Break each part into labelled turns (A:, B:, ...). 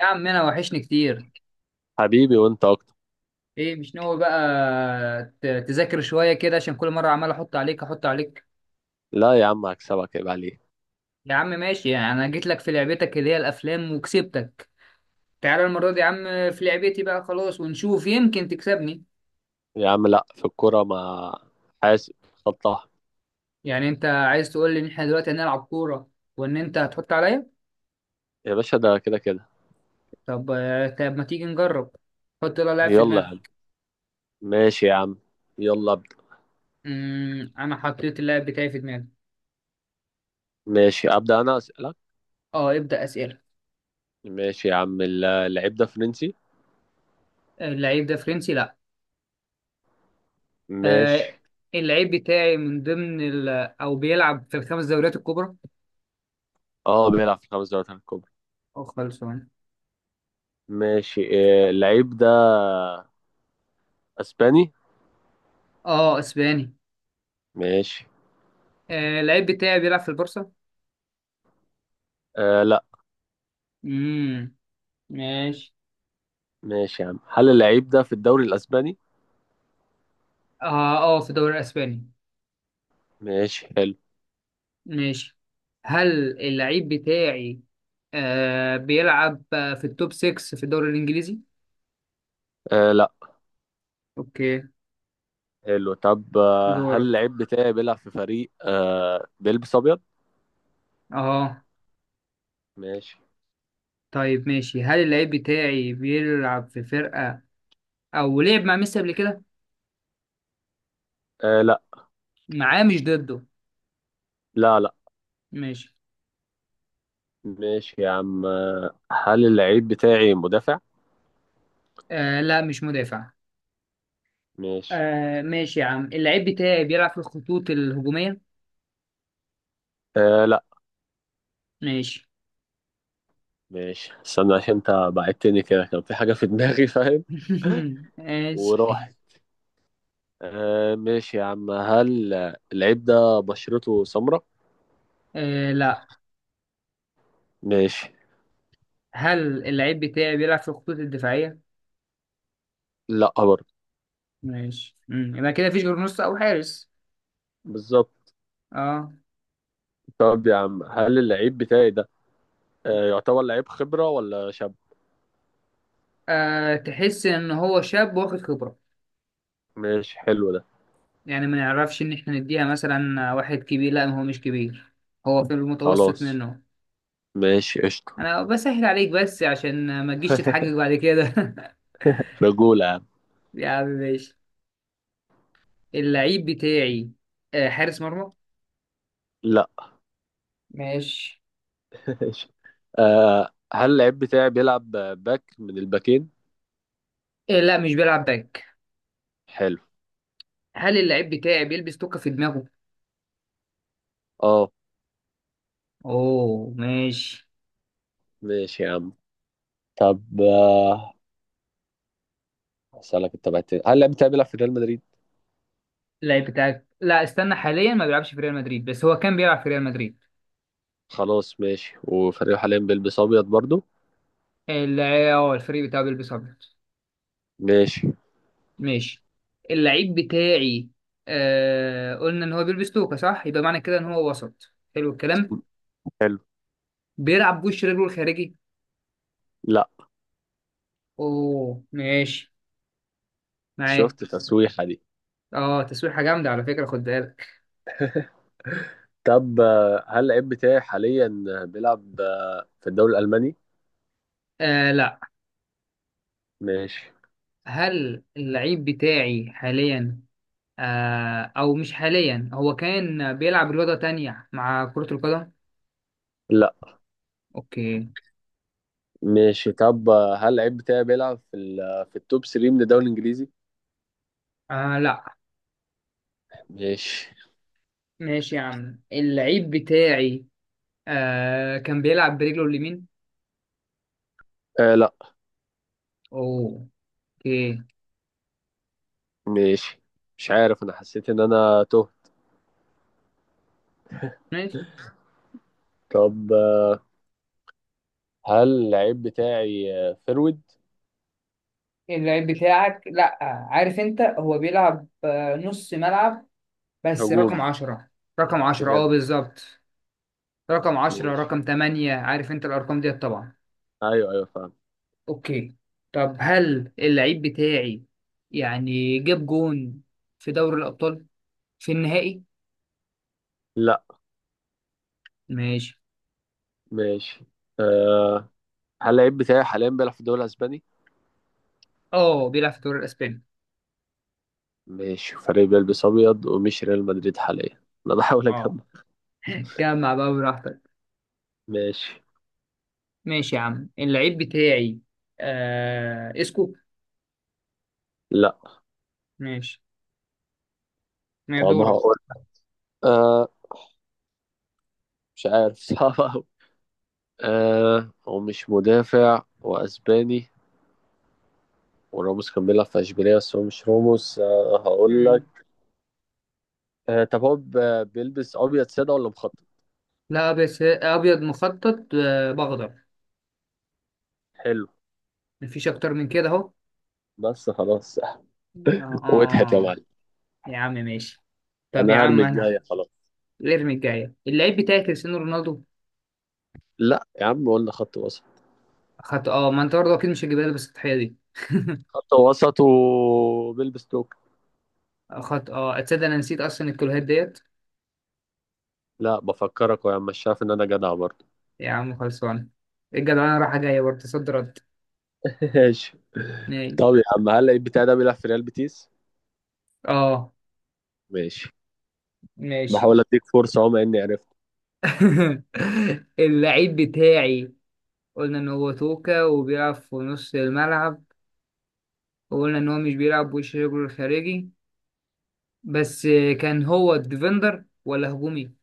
A: يا عم انا وحشني كتير.
B: حبيبي، وانت اكتر.
A: ايه مش ناوي بقى تذاكر شوية كده؟ عشان كل مرة عمال احط عليك احط عليك.
B: لا يا عم، هكسبك، عيب عليك.
A: يا عم ماشي، يعني انا جيت لك في لعبتك اللي هي الافلام وكسبتك. تعالى المرة دي يا عم في لعبتي بقى خلاص، ونشوف يمكن تكسبني.
B: يا عم، لا، في الكوره ما حاسب. خطها.
A: يعني انت عايز تقول لي ان احنا دلوقتي هنلعب كورة؟ وان انت هتحط عليا؟
B: يا باشا، ده كده كده.
A: طب آه، طب ما تيجي نجرب. حط لها لاعب في
B: يلا يا عم.
A: دماغك.
B: ماشي يا عم. يلا ابدا.
A: انا حطيت اللاعب بتاعي في دماغي.
B: ماشي، ابدا، انا اسالك.
A: اه، ابدأ اسئلة.
B: ماشي يا عم، اللعيب ده فرنسي؟
A: اللعيب ده فرنسي؟ لا.
B: ماشي.
A: آه، اللعيب بتاعي من ضمن ال، او بيلعب في الخمس دوريات الكبرى.
B: اه، بيلعب في 5 دوريات الكبرى.
A: اه خلصان.
B: ماشي. اللعيب ده اسباني؟
A: اه، اسباني.
B: ماشي.
A: آه، اللعيب بتاعي بيلعب في البورصة؟
B: آه، لا.
A: امم ماشي.
B: ماشي يا عم، هل اللعيب ده في الدوري الاسباني؟
A: اه اه، في الدوري الاسباني.
B: ماشي، حلو.
A: ماشي. هل اللعيب بتاعي آه بيلعب في التوب 6 في الدوري الانجليزي؟
B: آه، لا.
A: اوكي.
B: حلو. طب، هل
A: دورك.
B: اللعيب بتاعي بيلعب في فريق بيلبس ابيض؟
A: اه.
B: ماشي.
A: طيب ماشي، هل اللعيب بتاعي بيلعب في فرقة او لعب مع ميسي قبل كده؟
B: آه، لا.
A: معاه مش ضده.
B: لا، لا.
A: ماشي.
B: ماشي يا عم، هل اللعيب بتاعي مدافع؟
A: آه لا، مش مدافع.
B: ماشي.
A: آه ماشي يا عم، اللعيب بتاعي بيلعب في الخطوط الهجومية؟
B: آه، لا.
A: ماشي.
B: ماشي، استنى، عشان انت بعدتني كده كان في حاجة في دماغي فاهم؟
A: ماشي.
B: وراحت. آه، ماشي يا عم، هل اللعيب ده بشرته سمراء؟
A: آه لا.
B: ماشي.
A: هل اللعيب بتاعي بيلعب في الخطوط الدفاعية؟
B: لا برضه.
A: ماشي. يبقى كده مفيش غير نص أو حارس.
B: بالظبط.
A: اه.
B: طب يا عم، هل اللعيب بتاعي ده يعتبر لعيب خبرة ولا شاب؟
A: آه، تحس إن هو شاب واخد خبرة.
B: ماشي، حلو ده.
A: يعني ما نعرفش إن إحنا نديها مثلا واحد كبير، لا هو مش كبير، هو في المتوسط
B: خلاص.
A: منه.
B: ماشي قشطة.
A: أنا بسهل عليك بس عشان ما تجيش تتحجج بعد كده.
B: رجولة يا عم.
A: يا عم ماشي. اللعيب بتاعي آه حارس مرمى؟
B: لا.
A: ماشي.
B: ماشي. هل اللعيب بتاعي بيلعب باك من الباكين؟
A: إيه لا، مش بيلعب باك.
B: حلو.
A: هل اللعيب بتاعي بيلبس توكة في دماغه؟
B: اه.
A: اوه ماشي.
B: ماشي يا عم. طب، اسالك انت بقى تاني. هل اللعيب بتاعي بيلعب في ريال مدريد؟
A: اللعيب بتاعك لا، استنى، حاليا ما بيلعبش في ريال مدريد، بس هو كان بيلعب في ريال مدريد.
B: خلاص ماشي، وفريقه حاليا بيلبس ابيض برضو؟
A: اللعيب اه الفريق بتاعه بيلبس ابيض.
B: ماشي.
A: ماشي. اللعيب بتاعي قلنا ان هو بيلبس توكة صح، يبقى معنى كده ان هو وسط، حلو الكلام.
B: حلو.
A: بيلعب بوش رجله الخارجي.
B: لا،
A: اوه ماشي. معاك.
B: شفت التسويحه دي؟
A: اه، تسويحة جامدة على فكرة، خد بالك.
B: طب، هل اللعيب بتاعي حاليا بيلعب في الدوري الالماني؟
A: آه لا.
B: ماشي.
A: هل اللعيب بتاعي حاليا، آه او مش حاليا، هو كان بيلعب رياضة تانية مع كرة القدم؟
B: لا.
A: اوكي.
B: ماشي. طب، هل اللعيب بتاعي بيلعب في في التوب 3 من الدوري الانجليزي؟
A: آه لا.
B: ماشي.
A: ماشي يا عم، اللعيب بتاعي آه كان بيلعب برجله اليمين؟
B: آه، لا.
A: اوه. اوكي.
B: ماشي. مش عارف، انا حسيت ان انا تهت.
A: ماشي.
B: طب، هل اللعيب بتاعي فرود؟
A: اللعيب بتاعك لا. عارف انت، هو بيلعب آه نص ملعب بس
B: هجوم.
A: رقم عشرة. رقم عشرة اه
B: بجد؟
A: بالظبط. رقم عشرة
B: ماشي.
A: رقم تمانية، عارف انت الارقام ديت طبعا.
B: ايوه، ايوه، فاهم.
A: اوكي. طب هل اللعيب بتاعي يعني جاب جون في دوري الابطال في النهائي؟
B: لا.
A: ماشي.
B: ماشي. أه هل اللعيب بتاعي حاليا بيلعب في الدوري الاسباني؟
A: اه بيلعب في الدوري الاسباني.
B: ماشي، فريق بيلبس ابيض ومش ريال مدريد حاليا؟ انا بحاول
A: اه.
B: اجمع.
A: جمع بقى براحتك.
B: ماشي.
A: ماشي يا عم، اللعيب بتاعي آه اسكو؟
B: لا.
A: ماشي. ما
B: طب،
A: دورك.
B: هقول. أه مش عارف صعب أوي. هو مش مدافع واسباني. وراموس كان بيلعب في اشبيليه بس هو مش راموس، هقول لك.
A: مم.
B: طب، هو بيلبس ابيض ساده ولا مخطط؟
A: لا، بس ابيض مخطط آه، باخضر.
B: حلو.
A: مفيش اكتر من كده اهو.
B: بس خلاص.
A: اه
B: واضحك يا معلم.
A: يا عم ماشي. طب يا
B: انا هرمي
A: عم انا،
B: الجايه خلاص.
A: الارمي الجايه اللعيب بتاعي كريستيانو رونالدو.
B: لا يا عم، قلنا خط وسط.
A: خط اه، ما انت برضه اكيد مش هتجيبها لي بس التحيه دي.
B: خط وسط وبيلبس توك.
A: خط اه، تصدق انا نسيت اصلا الكلوهات ديت.
B: لا، بفكرك يا عم، مش شايف ان انا جدع برضه؟
A: يا عم خلصان. الجدع انا رايحه جايه برضه، صد رد.
B: ماشي.
A: ماشي.
B: طب يا عم، هل اللعيب بتاعي ده بيلعب في ريال بيتيس؟
A: اه
B: ماشي.
A: ماشي.
B: بحاول اديك فرصه اهو، مع اني عرفت.
A: اللعيب بتاعي، قلنا ان هو توكا وبيلعب في نص الملعب، وقلنا ان هو مش بيلعب بوش رجله الخارجي بس، كان هو ديفندر ولا هجومي؟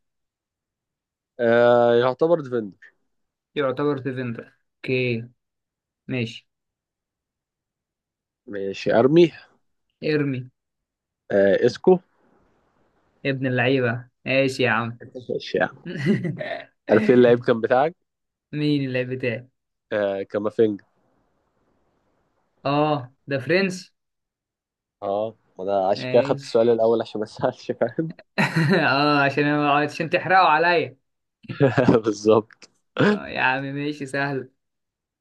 B: آه، يعتبر ديفندر.
A: يعتبر ديفندر، اوكي. ماشي.
B: ماشي ارمي.
A: ارمي.
B: آه، اسكو.
A: يا ابن اللعيبه، ماشي يا عم.
B: ماشي يا عم. عارفين اللعيب كان بتاعك؟
A: مين اللعيب بتاعي؟
B: آه، كامافينجا.
A: اه ده فرنسي.
B: اه، انا عشان كده خدت
A: ماشي.
B: السؤال الاول عشان ما اسالش، فاهم؟
A: اه عشان عشان تحرقوا عليا.
B: بالظبط.
A: آه يا عم ماشي، سهل.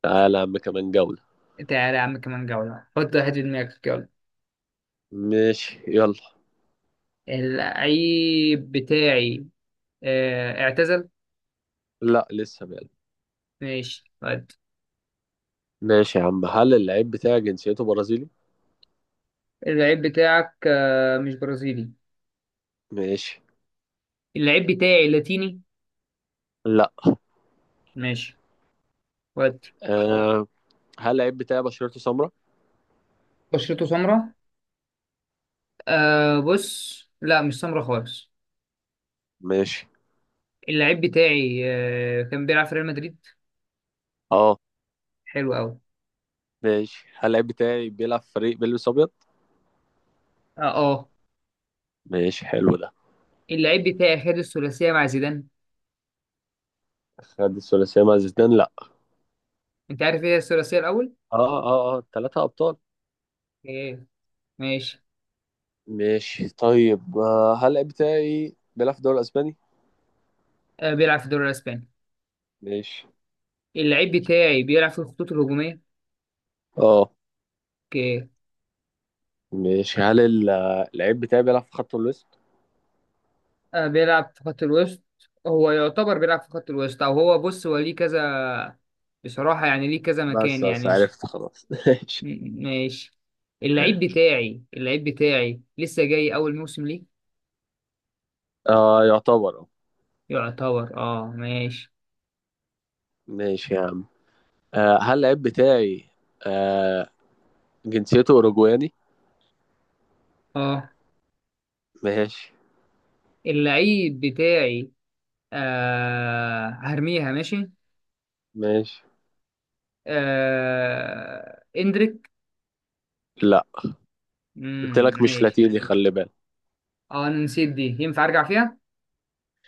B: تعالى يا عم كمان جولة.
A: تعالى يا عم كمان جولة. حط واحد في دماغك يلا.
B: ماشي يلا.
A: اللعيب بتاعي آه اعتزل؟
B: لا، لسه بقى.
A: ماشي ود.
B: ماشي يا عم، هل اللعيب بتاعي جنسيته برازيلي؟
A: اللعيب بتاعك آه مش برازيلي.
B: ماشي.
A: اللعيب بتاعي لاتيني؟
B: لا.
A: ماشي ود.
B: آه. هل اللعيب بتاعي بشرته سمراء؟
A: بشرته سمراء؟ آه بص، لا مش سمراء خالص.
B: ماشي.
A: اللعيب بتاعي آه كان بيلعب في ريال مدريد.
B: اه.
A: حلو قوي.
B: ماشي، هل اللعيب بتاعي بيلعب في فريق بيلبس ابيض؟
A: اه اه.
B: ماشي حلو ده.
A: اللعيب بتاعي خد الثلاثية مع زيدان.
B: خد الثلاثية مع زيدان؟ لا.
A: انت عارف ايه هي الثلاثيه الاول؟
B: اه، اه، اه، 3 ابطال.
A: اوكي. ماشي.
B: ماشي طيب. هل اللعيب بتاعي بيلعب في الدوري الاسباني؟
A: آه بيلعب في الدوري الاسباني.
B: ماشي.
A: اللعيب بتاعي بيلعب في الخطوط الهجوميه.
B: اه.
A: اوكي.
B: ماشي، هل اللعيب بتاعي بيلعب في خط الوسط؟
A: آه بيلعب في خط الوسط. هو يعتبر بيلعب في خط الوسط، او هو بص هو ليه كذا. بصراحه يعني ليه كذا مكان
B: بس بس
A: يعني مش،
B: عرفت خلاص. ماشي.
A: ماشي. اللعيب بتاعي اللعيب بتاعي لسه جاي اول موسم ليه.
B: آه، يعتبر، اه.
A: يعتبر اه ماشي.
B: ماشي يا عم. هل اللعيب بتاعي آه جنسيته أوروجواني؟
A: اه.
B: ماشي.
A: اللعيب بتاعي آه هرميها، ماشي.
B: ماشي.
A: آه اندريك.
B: لا، قلت لك مش
A: ماشي.
B: لاتيني، خلي بالك.
A: اه انا نسيت دي، ينفع ارجع فيها؟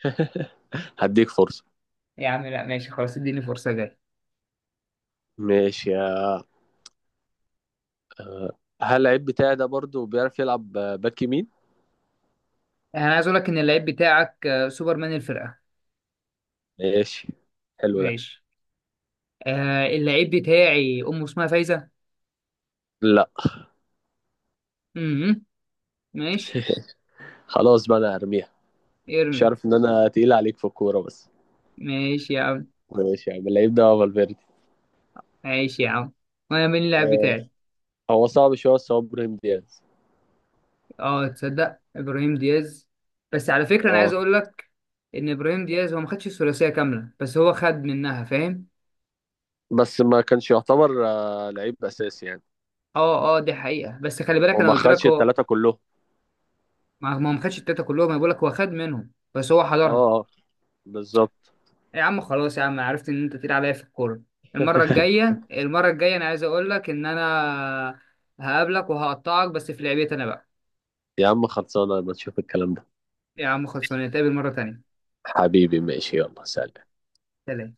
B: هديك فرصة.
A: يا عم لا ماشي خلاص، اديني فرصه جاي.
B: ماشي. هل اللعيب بتاعي ده برضو بيعرف يلعب باك يمين؟
A: انا عايز اقول لك ان اللعيب بتاعك آه، سوبرمان الفرقه.
B: ماشي، حلو ده.
A: ماشي. آه اللعيب بتاعي امه اسمها فايزه.
B: لا.
A: امم ماشي.
B: خلاص بقى، انا هرميها. مش
A: ارمي.
B: عارف ان انا تقيل عليك في الكورة بس.
A: ماشي يا عم.
B: ماشي يا عم، اللعيب ده فالفيردي؟
A: ماشي يا عم، وانا مين اللاعب بتاعي؟
B: هو صعب شويه، بس هو ابراهيم دياز.
A: اه تصدق ابراهيم دياز. بس على فكره انا عايز
B: اه.
A: اقول لك ان ابراهيم دياز هو ما خدش الثلاثيه كامله بس هو خد منها، فاهم.
B: بس ما كانش يعتبر لعيب اساسي يعني.
A: اه اه دي حقيقه، بس خلي بالك انا
B: وما
A: قلت لك
B: خدش
A: هو،
B: الثلاثه كلهم.
A: ما ما خدش التلاته كلهم، انا بقول لك هو خد منهم بس هو
B: اه.
A: حضرها.
B: آه، بالظبط.
A: إيه يا عم خلاص يا عم، عرفت ان انت تقيل عليا في الكوره. المره الجايه المره الجايه انا عايز اقول لك ان انا هقابلك وهقطعك بس في لعبتي انا بقى.
B: يا عم، خلصانه، ما تشوف الكلام ده.
A: يا عم خلصانه، نتقابل مره تانية.
B: حبيبي، ماشي، يلا سلام.
A: سلام.